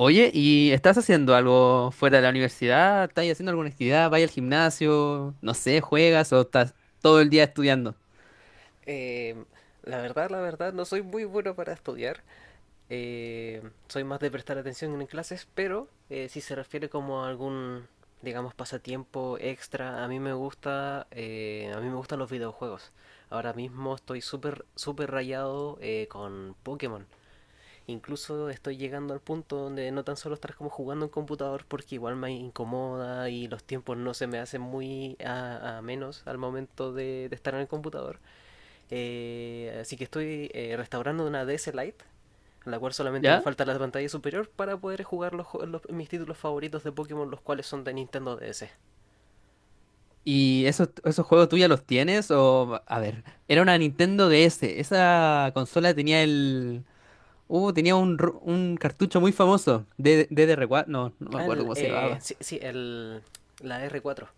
Oye, ¿y estás haciendo algo fuera de la universidad? ¿Estás haciendo alguna actividad? ¿Vas al gimnasio? No sé, ¿juegas o estás todo el día estudiando? Eh, la verdad, la verdad, no soy muy bueno para estudiar. Eh, Soy más de prestar atención en clases, pero si se refiere como a digamos, pasatiempo extra, a mí me gustan los videojuegos. Ahora mismo estoy súper, súper rayado con Pokémon. Incluso estoy llegando al punto donde no tan solo estar como jugando en computador porque igual me incomoda y los tiempos no se me hacen muy a menos al momento de estar en el computador, así que estoy restaurando una DS Lite, en la cual solamente me ¿Ya? falta la pantalla superior para poder jugar mis títulos favoritos de Pokémon, los cuales son de Nintendo DS. ¿Y esos juegos tú ya los tienes? O, a ver, era una Nintendo DS. Esa consola tenía el... tenía un, un cartucho muy famoso. D R cuatro. No, no me Ah, acuerdo el, cómo se llamaba. sí, sí, el, La R4.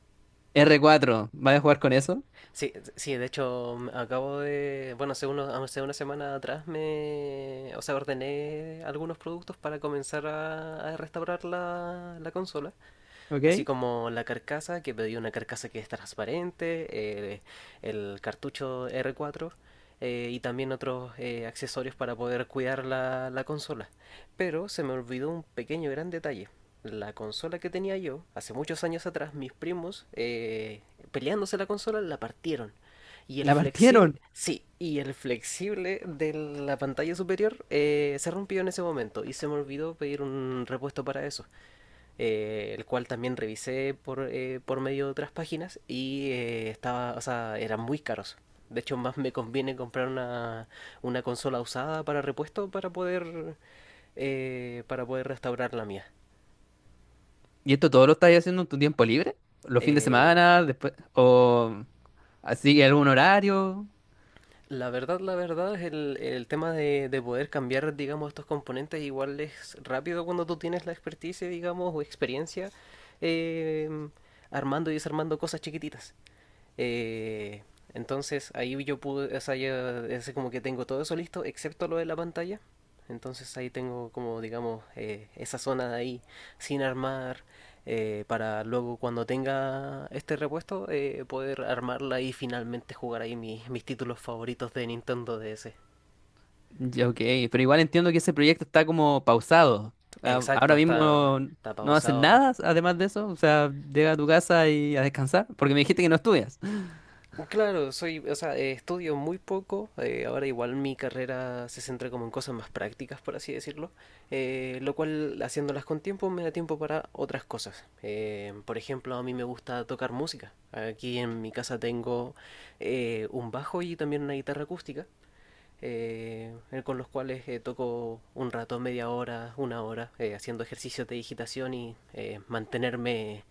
R cuatro. ¿Vas a jugar con eso? Sí, sí, de hecho acabo de, bueno, hace una semana atrás o sea, ordené algunos productos para comenzar a restaurar la consola. ¿Ok? Así como la carcasa, que pedí una carcasa que es transparente, el cartucho R4, y también otros accesorios para poder cuidar la consola. Pero se me olvidó un pequeño gran detalle. La consola que tenía yo, hace muchos años atrás, mis primos, peleándose la consola, la partieron. Y el La flexible, partieron. sí, y el flexible de la pantalla superior se rompió en ese momento y se me olvidó pedir un repuesto para eso, el cual también revisé por medio de otras páginas y estaba, o sea, eran muy caros. De hecho, más me conviene comprar una consola usada para repuesto para poder restaurar la mía. ¿Y esto todo lo estás haciendo en tu tiempo libre? ¿Los fines de Eh, semana? Después... O... Así, ¿algún horario? la verdad, la verdad, es el tema de poder cambiar, digamos, estos componentes, igual es rápido cuando tú tienes la experticia, digamos, o experiencia eh, armando y desarmando cosas chiquititas. Eh, entonces ahí yo pude, o sea, ya es como que tengo todo eso listo, excepto lo de la pantalla. Entonces ahí tengo como, digamos, esa zona de ahí sin armar, para luego cuando tenga este repuesto poder armarla y finalmente jugar ahí mis títulos favoritos de Nintendo DS. Ya, ok, pero igual entiendo que ese proyecto está como pausado. Ah, Exacto, ahora está, mismo está no haces pausado ahora. nada, además de eso. O sea, llega a tu casa y a descansar, porque me dijiste que no estudias. Claro, soy, o sea, estudio muy poco. Ahora igual mi carrera se centra como en cosas más prácticas, por así decirlo. Lo cual, haciéndolas con tiempo, me da tiempo para otras cosas. Por ejemplo, a mí me gusta tocar música. Aquí en mi casa tengo un bajo y también una guitarra acústica, eh, con los cuales toco un rato, media hora, una hora, haciendo ejercicios de digitación y mantenerme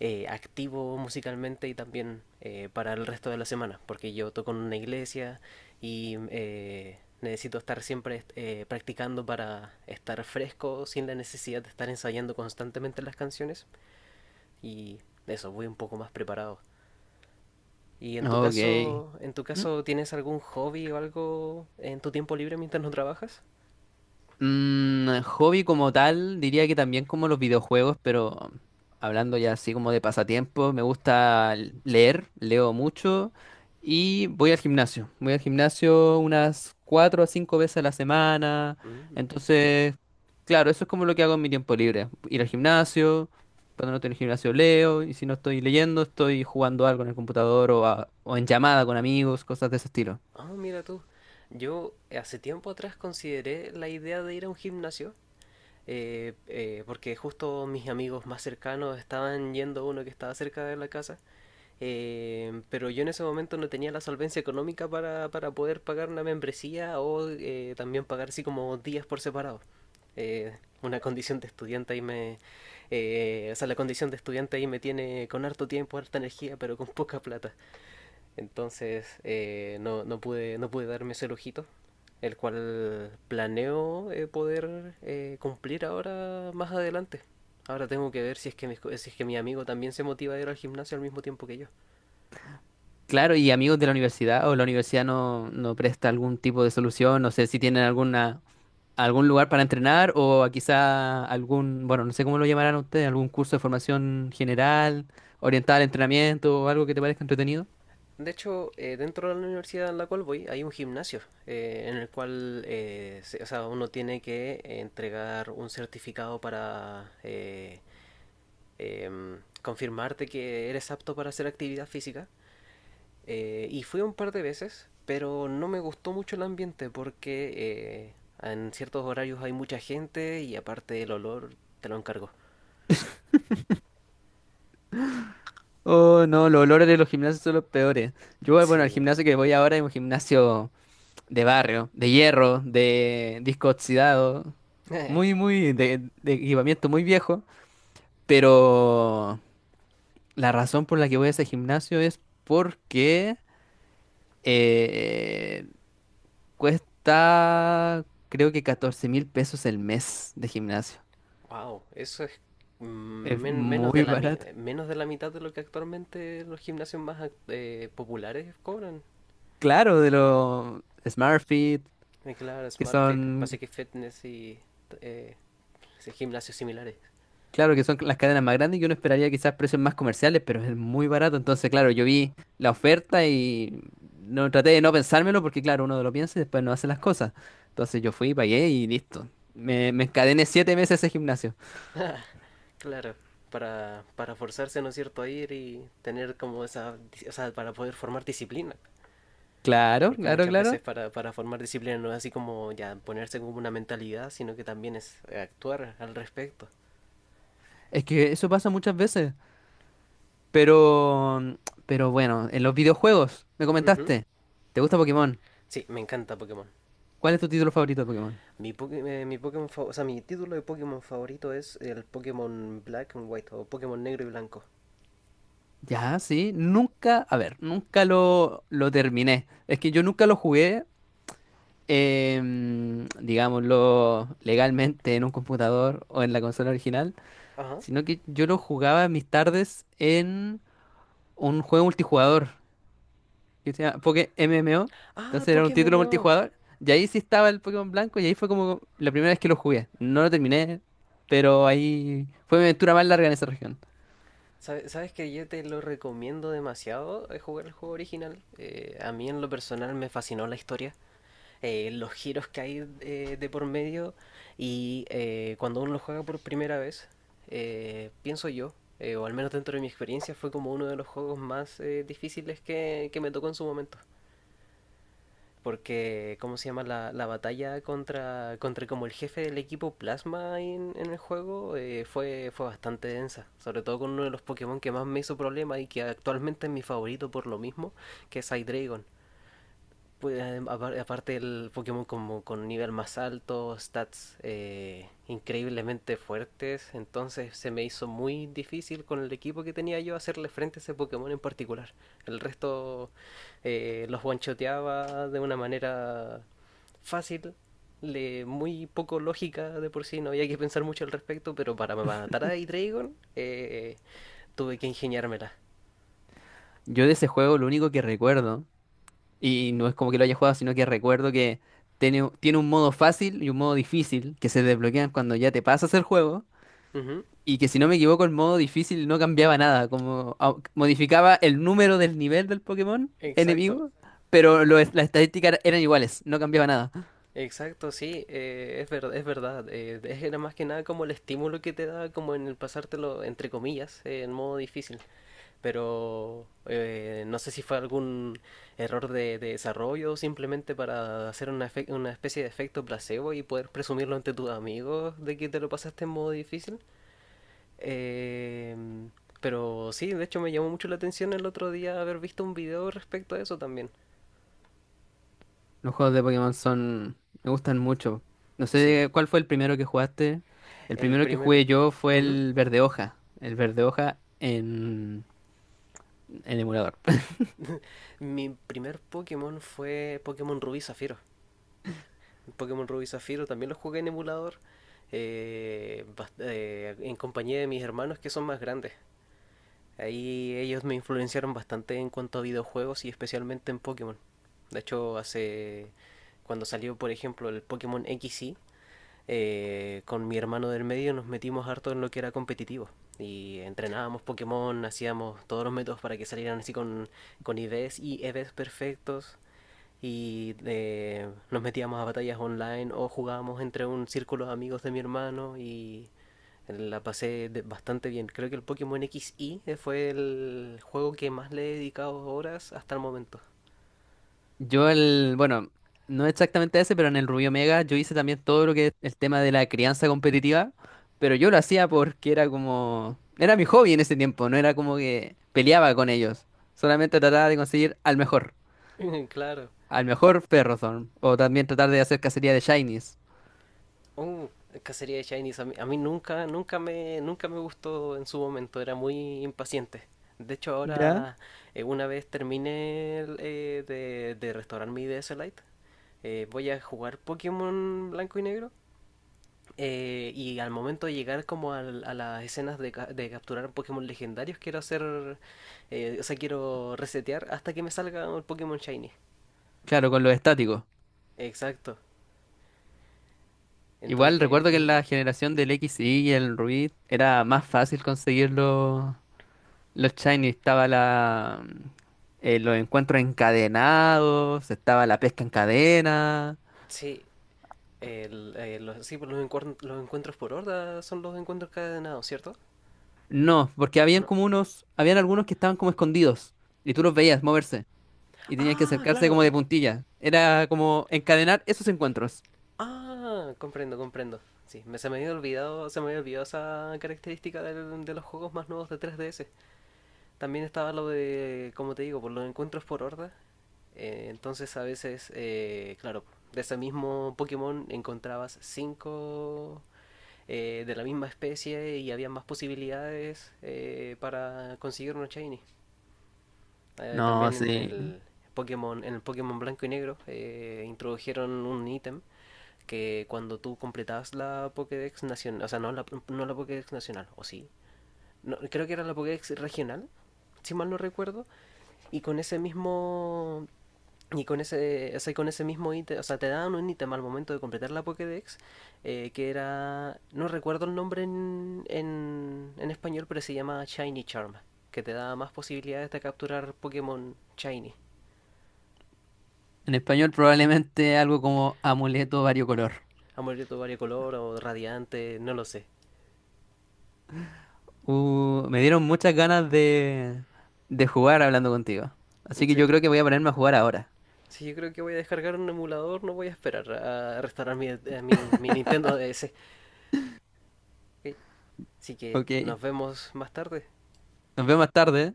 activo musicalmente y también para el resto de la semana, porque yo toco en una iglesia y necesito estar siempre practicando para estar fresco sin la necesidad de estar ensayando constantemente las canciones y eso, voy un poco más preparado. ¿Y Ok. En tu ¿Mm? caso tienes algún hobby o algo en tu tiempo libre mientras no trabajas? Mm, hobby como tal, diría que también como los videojuegos, pero hablando ya así como de pasatiempo, me gusta leer, leo mucho y voy al gimnasio. Voy al gimnasio unas cuatro a cinco veces a la semana. Mm. Entonces, claro, eso es como lo que hago en mi tiempo libre. Ir al gimnasio, cuando no estoy en el gimnasio leo y si no estoy leyendo, estoy jugando algo en el computador o, o en llamada con amigos, cosas de ese estilo. Ah, mira tú. Yo, hace tiempo atrás consideré la idea de ir a un gimnasio, porque justo mis amigos más cercanos estaban yendo a uno que estaba cerca de la casa, pero yo en ese momento no tenía la solvencia económica para poder pagar una membresía o también pagar así como días por separado. Una condición de estudiante ahí me... o sea, la condición de estudiante ahí me tiene con harto tiempo, harta energía, pero con poca plata. Entonces no pude darme ese lujito, el cual planeo poder cumplir ahora más adelante. Ahora tengo que ver si es que, si es que mi amigo también se motiva a ir al gimnasio al mismo tiempo que yo. Claro, y amigos de la universidad o la universidad no, no presta algún tipo de solución, no sé si tienen alguna, algún lugar para entrenar o quizá algún, bueno, no sé cómo lo llamarán ustedes, algún curso de formación general, orientada al entrenamiento o algo que te parezca entretenido. De hecho, dentro de la universidad en la cual voy hay un gimnasio, en el cual o sea, uno tiene que entregar un certificado para confirmarte que eres apto para hacer actividad física. Y fui un par de veces, pero no me gustó mucho el ambiente porque en ciertos horarios hay mucha gente y aparte el olor te lo encargo. Oh, no, los olores de los gimnasios son los peores. Yo, bueno, el Sí. gimnasio que voy ahora es un gimnasio de barrio, de hierro, de disco oxidado, muy, muy, de equipamiento muy viejo, pero... La razón por la que voy a ese gimnasio es porque eh, cuesta creo que 14 mil pesos el mes de gimnasio. Wow, eso es Es menos, muy barato. menos de la mitad de lo que actualmente los gimnasios más populares cobran. Claro, de los SmartFit, Claro, que Smart Fit, son, Pacific Fitness y eh, sí, gimnasios similares. claro, que son las cadenas más grandes, yo no esperaría quizás precios más comerciales, pero es muy barato. Entonces, claro, yo vi la oferta y no traté de no pensármelo porque, claro, uno lo piensa y después no hace las cosas. Entonces yo fui, pagué y listo. Me encadené siete meses a ese gimnasio. Claro, para forzarse, ¿no es cierto?, a ir y tener como esa, o sea, para poder formar disciplina. Claro, Porque claro, muchas veces claro. Para formar disciplina no es así como ya ponerse como una mentalidad, sino que también es actuar al respecto. Es que eso pasa muchas veces. Pero, mm, pero bueno, en los videojuegos, me Ujú. comentaste, ¿te gusta Pokémon? Sí, me encanta Pokémon. ¿Cuál es tu título favorito de Pokémon? Mi, Poké- mi Pokémon fa- O sea, mi título de Pokémon favorito es el Pokémon Black and White o Pokémon Negro y Blanco. Ya, sí, nunca, a ver, nunca lo, lo terminé. Es que yo nunca lo jugué, digámoslo, legalmente en un computador o en la consola original, Ajá. sino que yo lo jugaba en mis tardes en un juego multijugador, que se llama Poké MMO. Ah, el Entonces era un Pokémon título MMO. multijugador. Y ahí sí estaba el Pokémon Blanco y ahí fue como la primera vez que lo jugué. No lo terminé, pero ahí fue mi aventura más larga en esa región. Sabes que yo te lo recomiendo demasiado, jugar el juego original. A mí en lo personal me fascinó la historia, los giros que hay de por medio, y cuando uno lo juega por primera vez, pienso yo, o al menos dentro de mi experiencia, fue como uno de los juegos más difíciles que me tocó en su momento. Porque, ¿cómo se llama? La batalla contra como el jefe del equipo Plasma ahí en el juego, fue bastante densa. Sobre todo con uno de los Pokémon que más me hizo problema y que actualmente es mi favorito por lo mismo, que es Hydreigon. Pues, aparte el Pokémon como con nivel más alto, stats increíblemente fuertes, entonces se me hizo muy difícil con el equipo que tenía yo hacerle frente a ese Pokémon en particular. El resto, los one-shoteaba de una manera fácil, le, muy poco lógica de por sí, no había que pensar mucho al respecto, pero para matar a Hydreigon, tuve que ingeniármela. Yo de ese juego lo único que recuerdo, y no es como que lo haya jugado, sino que recuerdo que tiene un modo fácil y un modo difícil que se desbloquean cuando ya te pasas el juego. Ujú. Y que si no me equivoco, el modo difícil no cambiaba nada, como modificaba el número del nivel del Pokémon Exacto. enemigo, pero las estadísticas eran iguales, no cambiaba nada. Exacto, sí, es verdad, es verdad. Es Era más que nada como el estímulo que te da, como en el pasártelo, entre comillas, en modo difícil. Pero no sé si fue algún error de desarrollo o simplemente para hacer una, una especie de efecto placebo y poder presumirlo ante tus amigos de que te lo pasaste en modo difícil. Em, pero sí, de hecho me llamó mucho la atención el otro día haber visto un video respecto a eso también. Los juegos de Pokémon son... me gustan mucho. No Sí, sé cuál fue el primero que jugaste. El el primero que primer... jugué yo fue Ujú. el Verde Hoja. El Verde Hoja en emulador. Mi primer Pokémon fue Pokémon Rubí Zafiro. Pokémon Rubí Zafiro también lo jugué en emulador, en compañía de mis hermanos que son más grandes. Ahí ellos me influenciaron bastante en cuanto a videojuegos y especialmente en Pokémon. De hecho, hace cuando salió, por ejemplo, el Pokémon XY, con mi hermano del medio nos metimos harto en lo que era competitivo. Y entrenábamos Pokémon, hacíamos todos los métodos para que salieran así con IVs y EVs perfectos y nos metíamos a batallas online o jugábamos entre un círculo de amigos de mi hermano y bastante bien. Creo que el Pokémon equis I fue el juego que más le he dedicado horas hasta el momento. Yo el... Bueno, no exactamente ese, pero en el Rubio Omega yo hice también todo lo que es el tema de la crianza competitiva. Pero yo lo hacía porque era como... Era mi hobby en ese tiempo, no era como que peleaba con ellos. Solamente trataba de conseguir al mejor. Claro. Al mejor Ferrothorn. O también tratar de hacer cacería de Shinies. Oh, cacería de Shinies. A mí nunca, nunca nunca me gustó en su momento. Era muy impaciente. De hecho, ¿Ya? ahora, una vez terminé de restaurar mi DS Lite, voy a jugar Pokémon Blanco y Negro. Y al momento de llegar como a las escenas de capturar Pokémon legendarios, quiero hacer, o sea, quiero resetear hasta que me salga un Pokémon Shiny. Claro, con los estáticos. Exacto. Entonces, Igual recuerdo que en ujú, la generación del X y el Ruby era más fácil conseguir los shiny. Estaba la, los encuentros encadenados, estaba la pesca en cadena. sí, sí, pues los, los encuentros por horda son los encuentros cadenados, ¿cierto? No, porque ¿O habían no? como unos, habían algunos que estaban como escondidos y tú los veías moverse y tenías que Ah, acercarse como claro. de puntilla. Era como encadenar esos encuentros. Ah, comprendo, comprendo. Sí, se me había olvidado, se me había olvidado esa característica de los juegos más nuevos de 3DS. También estaba lo de, como te digo, por los encuentros por horda. Entonces a veces, claro, de ese mismo Pokémon encontrabas cinco de la misma especie y había más posibilidades para conseguir unos shiny. Eh, No, también en sí. el Pokémon, en el Pokémon Blanco y Negro introdujeron un ítem que cuando tú completabas la Pokédex nacional, o sea, no la Pokédex nacional, o sí, no, creo que era la Pokédex regional, si mal no recuerdo, y con ese mismo y con ese, o sea, con ese mismo ítem, o sea, te daban un ítem al momento de completar la Pokédex, que era, no recuerdo el nombre en español, pero se llama Shiny Charm, que te da más posibilidades de capturar Pokémon Shiny, En español probablemente algo como amuleto variocolor. amarillo variocolor o radiante, no lo sé, Me dieron muchas ganas de jugar hablando contigo. Así en que yo serio. creo que voy a ponerme a jugar ahora. Si yo creo que voy a descargar un emulador, no voy a esperar a restaurar mi Nintendo DS. Ok, así que Ok. nos vemos más tarde. Nos vemos más tarde.